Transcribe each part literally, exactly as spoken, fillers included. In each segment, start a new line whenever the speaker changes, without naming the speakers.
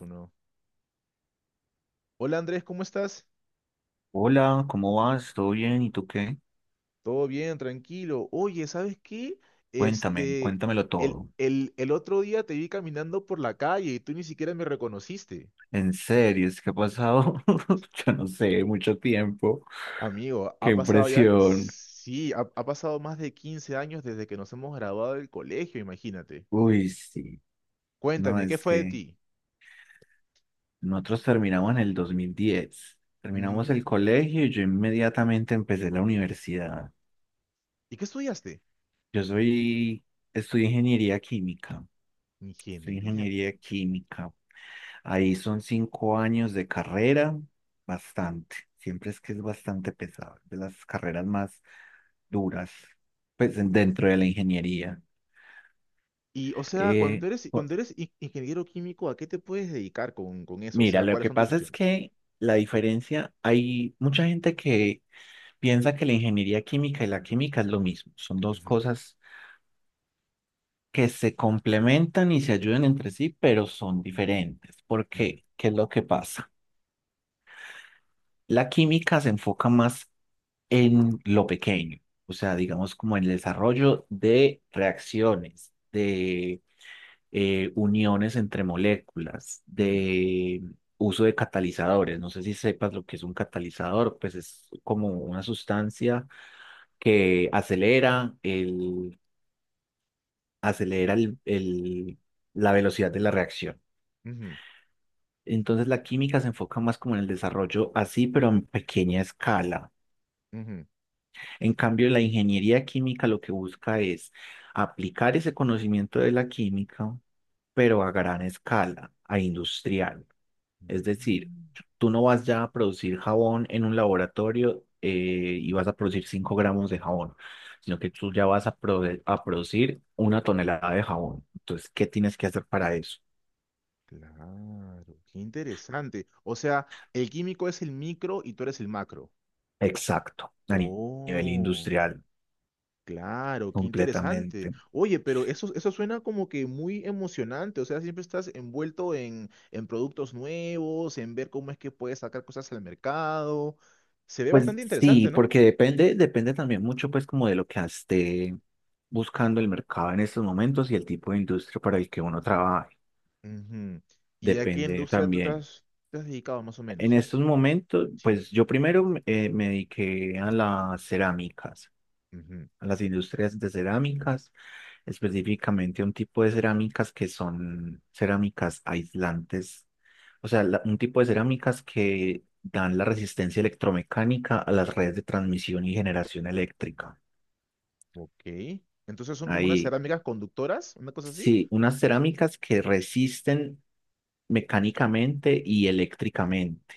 Uno. Hola Andrés, ¿cómo estás?
Hola, ¿cómo vas? ¿Todo bien? ¿Y tú qué?
Todo bien, tranquilo. Oye, ¿sabes qué?
Cuéntame,
Este,
cuéntamelo
el,
todo.
el, el otro día te vi caminando por la calle y tú ni siquiera me reconociste.
En series, ¿qué ha pasado? Yo no sé, mucho tiempo.
Amigo,
Qué
ha pasado ya,
impresión.
sí, ha, ha pasado más de quince años desde que nos hemos graduado del colegio, imagínate.
Uy, sí. No,
Cuéntame, ¿qué
es
fue de
que
ti?
nosotros terminamos en el dos mil diez. Terminamos
Ujú.
el colegio y yo inmediatamente empecé la universidad.
¿Y qué estudiaste?
Yo soy, estudié ingeniería química. Soy
Ingeniería.
ingeniería química. Ahí son cinco años de carrera, bastante. Siempre es que es bastante pesado, de las carreras más duras, pues en- dentro de la ingeniería.
Y, o sea, cuando
Eh,
eres,
jo-
cuando eres in- ingeniero químico, ¿a qué te puedes dedicar con, con eso? O
mira,
sea,
lo
¿cuáles
que
son tus
pasa es
opciones?
que la diferencia, hay mucha gente que piensa que la ingeniería química y la química es lo mismo. Son dos
Ujú,
cosas que se complementan y se ayudan entre sí, pero son diferentes. ¿Por
ujú,
qué? ¿Qué es lo que pasa? La química se enfoca más en lo pequeño, o sea,
ujú,
digamos como en el desarrollo de reacciones, de eh, uniones entre moléculas,
ujú,
de uso de catalizadores. No sé si sepas lo que es un catalizador, pues es como una sustancia que acelera el, acelera el, el- la velocidad de la reacción.
ujú.
Entonces la química se enfoca más como en el desarrollo así, pero en pequeña escala.
Ujú.
En cambio, la ingeniería química lo que busca es aplicar ese conocimiento de la química, pero a gran escala, a industrial. Es decir,
Mm.
tú no vas ya a producir jabón en un laboratorio eh, y vas a producir cinco gramos de jabón, sino que tú ya vas a, prode- a producir una tonelada de jabón. Entonces, ¿qué tienes que hacer para eso?
Claro, qué interesante. O sea, el químico es el micro y tú eres el macro.
Exacto, a ni- nivel
Oh,
industrial,
claro, qué interesante.
completamente.
Oye, pero eso, eso suena como que muy emocionante. O sea, siempre estás envuelto en, en productos nuevos, en ver cómo es que puedes sacar cosas al mercado. Se ve
Pues
bastante
sí,
interesante, ¿no?
porque depende, depende también mucho pues como de lo que esté buscando el mercado en estos momentos y el tipo de industria para el que uno trabaje.
Ujú. ¿Y a qué
Depende
industria tú te
también.
has, te has dedicado más o
En
menos?
estos momentos,
Sí.
pues yo primero eh, me dediqué a las cerámicas, a las industrias de cerámicas, específicamente a un tipo de cerámicas que son cerámicas aislantes, o sea, la- un tipo de cerámicas que dan la resistencia electromecánica a las redes de transmisión y generación eléctrica.
Ok. Entonces son como unas
Ahí,
cerámicas conductoras, una cosa así.
sí, unas cerámicas que resisten mecánicamente y eléctricamente.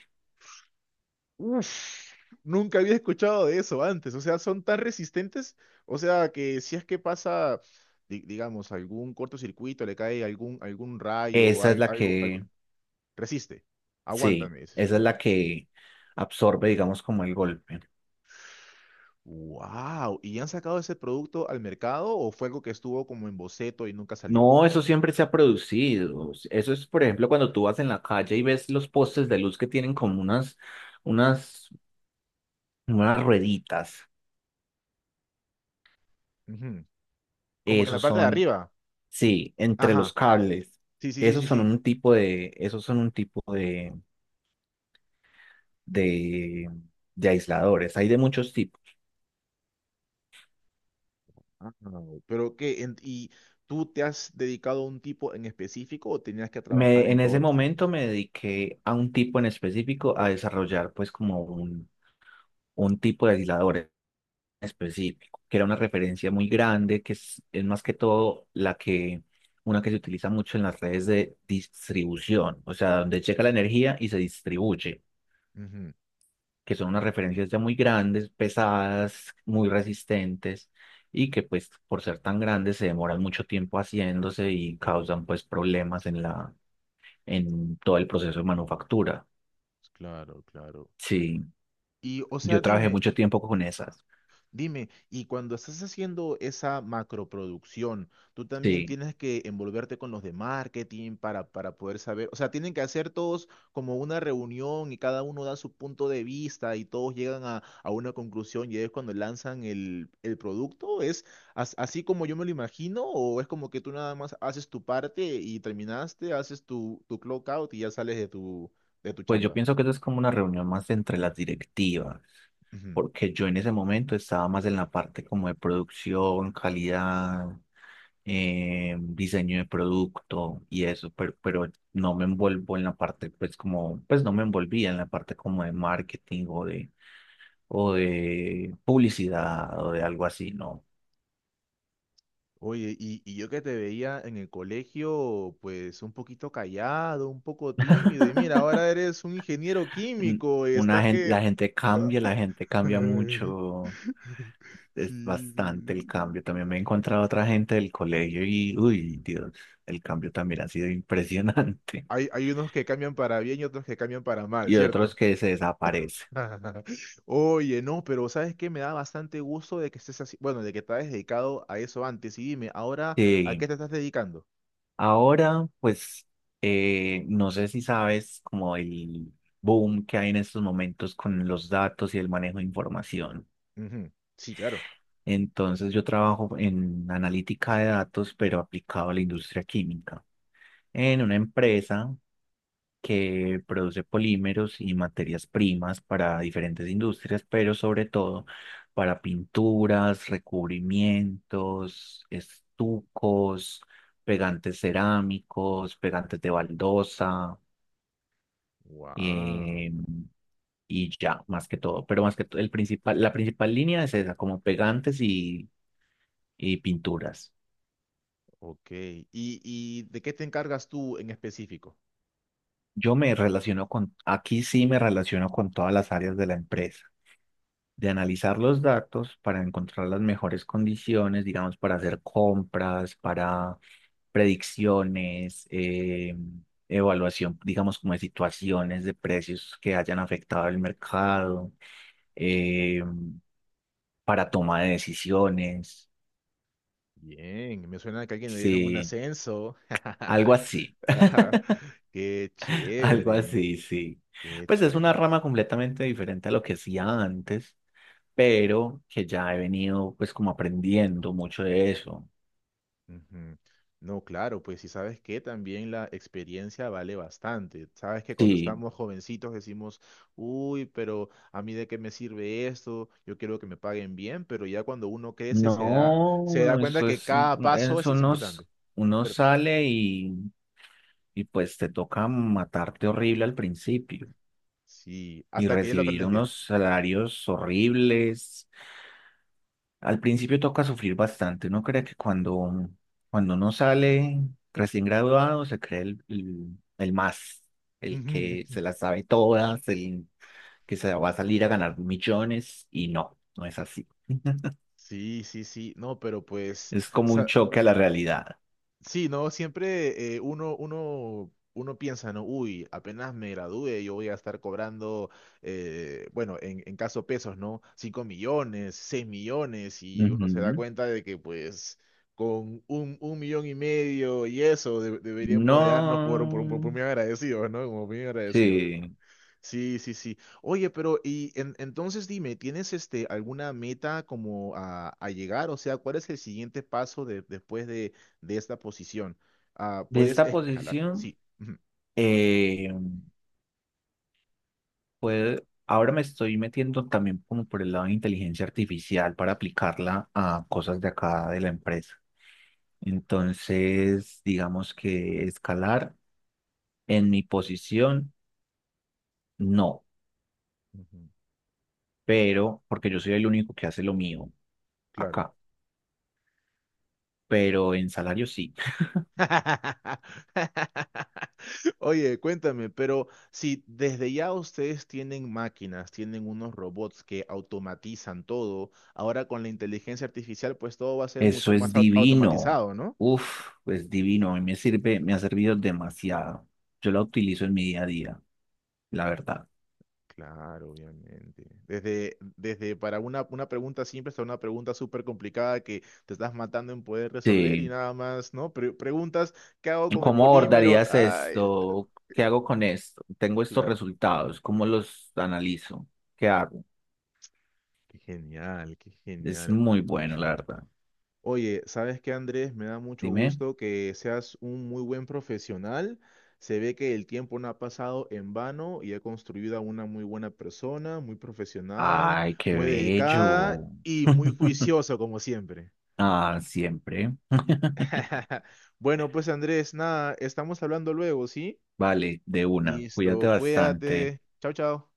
Uf, nunca había escuchado de eso antes. O sea, son tan resistentes. O sea, que si es que pasa, di- digamos, algún, cortocircuito, le cae algún, algún rayo,
Esa es
al-
la
algo, algo,
que,
resiste.
sí,
Aguántame.
esa es la que absorbe, digamos, como el golpe.
Wow. ¿Y han sacado ese producto al mercado o fue algo que estuvo como en boceto y nunca salió?
No, eso siempre se ha producido. Eso es, por ejemplo, cuando tú vas en la calle y ves los postes de luz que tienen como unas, unas, unas rueditas.
Ujú. Como que en la
Esos
parte de
son,
arriba.
sí, entre los
Ajá.
cables.
Sí, sí, sí,
Esos
sí,
son
sí.
un tipo de, esos son un tipo de, de, de aisladores. Hay de muchos tipos.
Ah, no, pero qué. En- ¿y tú te has dedicado a un tipo en específico o tenías que trabajar
Me,
en
en ese
todos los
momento
tipos?
me dediqué a un tipo en específico a desarrollar pues como un, un tipo de aislador en específico, que era una referencia muy grande, que es, es más que todo la que, una que se utiliza mucho en las redes de distribución, o sea, donde llega la energía y se distribuye.
Ujú.
Que son unas referencias ya muy grandes, pesadas, muy resistentes y que pues por ser tan grandes se demoran mucho tiempo haciéndose y causan pues problemas en la, en todo el proceso de manufactura.
Claro, claro.
Sí,
Y, o sea,
yo trabajé
dime,
mucho tiempo con esas.
dime, y cuando estás haciendo esa macroproducción, tú también
Sí.
tienes que envolverte con los de marketing para, para poder saber, o sea, tienen que hacer todos como una reunión y cada uno da su punto de vista y todos llegan a, a una conclusión y es cuando lanzan el, el producto. ¿Es as- así como yo me lo imagino o es como que tú nada más haces tu parte y terminaste, haces tu, tu clock out y ya sales de tu, de tu
Pues yo
chamba?
pienso que eso es como una reunión más entre las directivas, porque yo en ese momento estaba más en la parte como de producción, calidad, eh, diseño de producto y eso, pero, pero no me envuelvo en la parte, pues como, pues no me envolvía en la parte como de marketing o de, o de publicidad o de algo así, no.
Oye, y, y yo que te veía en el colegio, pues un poquito callado, un poco tímido, y mira, ahora eres un ingeniero
N-
químico y
Una
estás
gente,
que...
la gente cambia, la gente cambia mucho.
Sí,
Es bastante el
sí,
cambio.
sí.
También me he encontrado otra gente del colegio y, uy, Dios, el cambio también ha sido impresionante.
Hay, hay unos que cambian para bien y otros que cambian para mal,
Y
¿cierto?
otros que se desaparecen.
Oye, no, pero ¿sabes qué? Me da bastante gusto de que estés así, bueno, de que te hayas dedicado a eso antes. Y dime, ahora, ¿a
Sí,
qué te estás dedicando?
ahora, pues, eh, no sé si sabes como el boom que hay en estos momentos con los datos y el manejo de información.
Ujú. Sí, claro.
Entonces, yo trabajo en analítica de datos, pero aplicado a la industria química, en una empresa que produce polímeros y materias primas para diferentes industrias, pero sobre todo para pinturas, recubrimientos, estucos, pegantes cerámicos, pegantes de baldosa,
Wow.
eh, y ya, más que todo. Pero más que todo, el principal, la principal línea es esa, como pegantes y, y pinturas.
Ok. ¿Y, y de qué te encargas tú en específico?
Yo me relaciono con, aquí sí me relaciono con todas las áreas de la empresa. De analizar los datos para encontrar las mejores condiciones, digamos, para hacer compras, para predicciones, eh, evaluación, digamos, como de situaciones de precios que hayan afectado el mercado, eh, para toma de decisiones,
Bien, me suena que a alguien le dieron un
sí,
ascenso.
algo así,
Ajá, qué
algo
chévere,
así, sí.
qué
Pues es una
chévere.
rama completamente diferente a lo que hacía antes, pero que ya he venido pues como aprendiendo mucho de eso.
Ujú. No, claro, pues si sabes que también la experiencia vale bastante. Sabes que cuando
Sí.
estamos jovencitos decimos, uy, pero a mí de qué me sirve esto, yo quiero que me paguen bien, pero ya cuando uno crece se da, se da
No,
cuenta
eso
que
es,
cada
un-
paso es,
eso
es
unos,
importante,
uno
¿cierto?
sale y, y pues te toca matarte horrible al principio
Sí,
y
hasta que ya lo
recibir
aprendes bien.
unos salarios horribles. Al principio toca sufrir bastante. Uno cree que cuando, cuando uno sale recién graduado se cree el, el, el más, el que
Ujú.
se las sabe todas, el que se va a salir a ganar millones y no, no es así.
Sí, sí, sí, no, pero pues,
Es
o
como un
sea,
choque a la realidad.
sí, no, siempre eh, uno, uno, uno piensa, no, uy, apenas me gradúe, yo voy a estar cobrando, eh, bueno, en, en caso pesos, ¿no? Cinco millones, seis millones, y uno se da cuenta de que pues con un, un millón y medio y eso de- deberíamos de darnos por, por, por,
No,
por bien agradecidos, ¿no? Como bien agradecidos.
sí.
Sí, sí, sí. Oye, pero y en- entonces dime, ¿tienes este alguna meta como a, a llegar? O sea, ¿cuál es el siguiente paso de- después de, de esta posición? Ah,
De
¿puedes
esta
escalar?
posición,
Sí. Ujú,
eh, puede- ahora me estoy metiendo también como por el lado de inteligencia artificial para aplicarla a cosas de acá de la empresa. Entonces, digamos que escalar en mi posición, no,
ujú,
pero porque yo soy el único que hace lo mío
claro.
acá, pero en salario sí.
Oye, cuéntame, pero si desde ya ustedes tienen máquinas, tienen unos robots que automatizan todo, ahora con la inteligencia artificial, pues todo va a ser
Eso
mucho
es
más au-
divino.
automatizado, ¿no?
Uf, es divino. A mí me sirve, me ha servido demasiado. Yo la utilizo en mi día a día, la verdad.
Claro, obviamente. Desde, desde para una, una pregunta simple hasta una pregunta súper complicada que te estás matando en poder resolver y
Sí.
nada más, ¿no? Pre- preguntas, ¿qué hago con el
¿Cómo
polímero?
abordarías
Ay,
esto? ¿Qué hago con esto? Tengo estos
claro.
resultados. ¿Cómo los analizo? ¿Qué hago?
Qué genial, qué
Es
genial.
muy bueno, la verdad.
Oye, ¿sabes qué, Andrés? Me da mucho
Dime.
gusto que seas un muy buen profesional. Se ve que el tiempo no ha pasado en vano y ha construido a una muy buena persona, muy profesional,
Ay, qué
muy dedicada
bello.
y muy juiciosa, como siempre.
Ah, siempre.
Bueno, pues Andrés, nada, estamos hablando luego, ¿sí?
Vale, de una. Cuídate
Listo,
bastante.
cuídate. Chao, chao.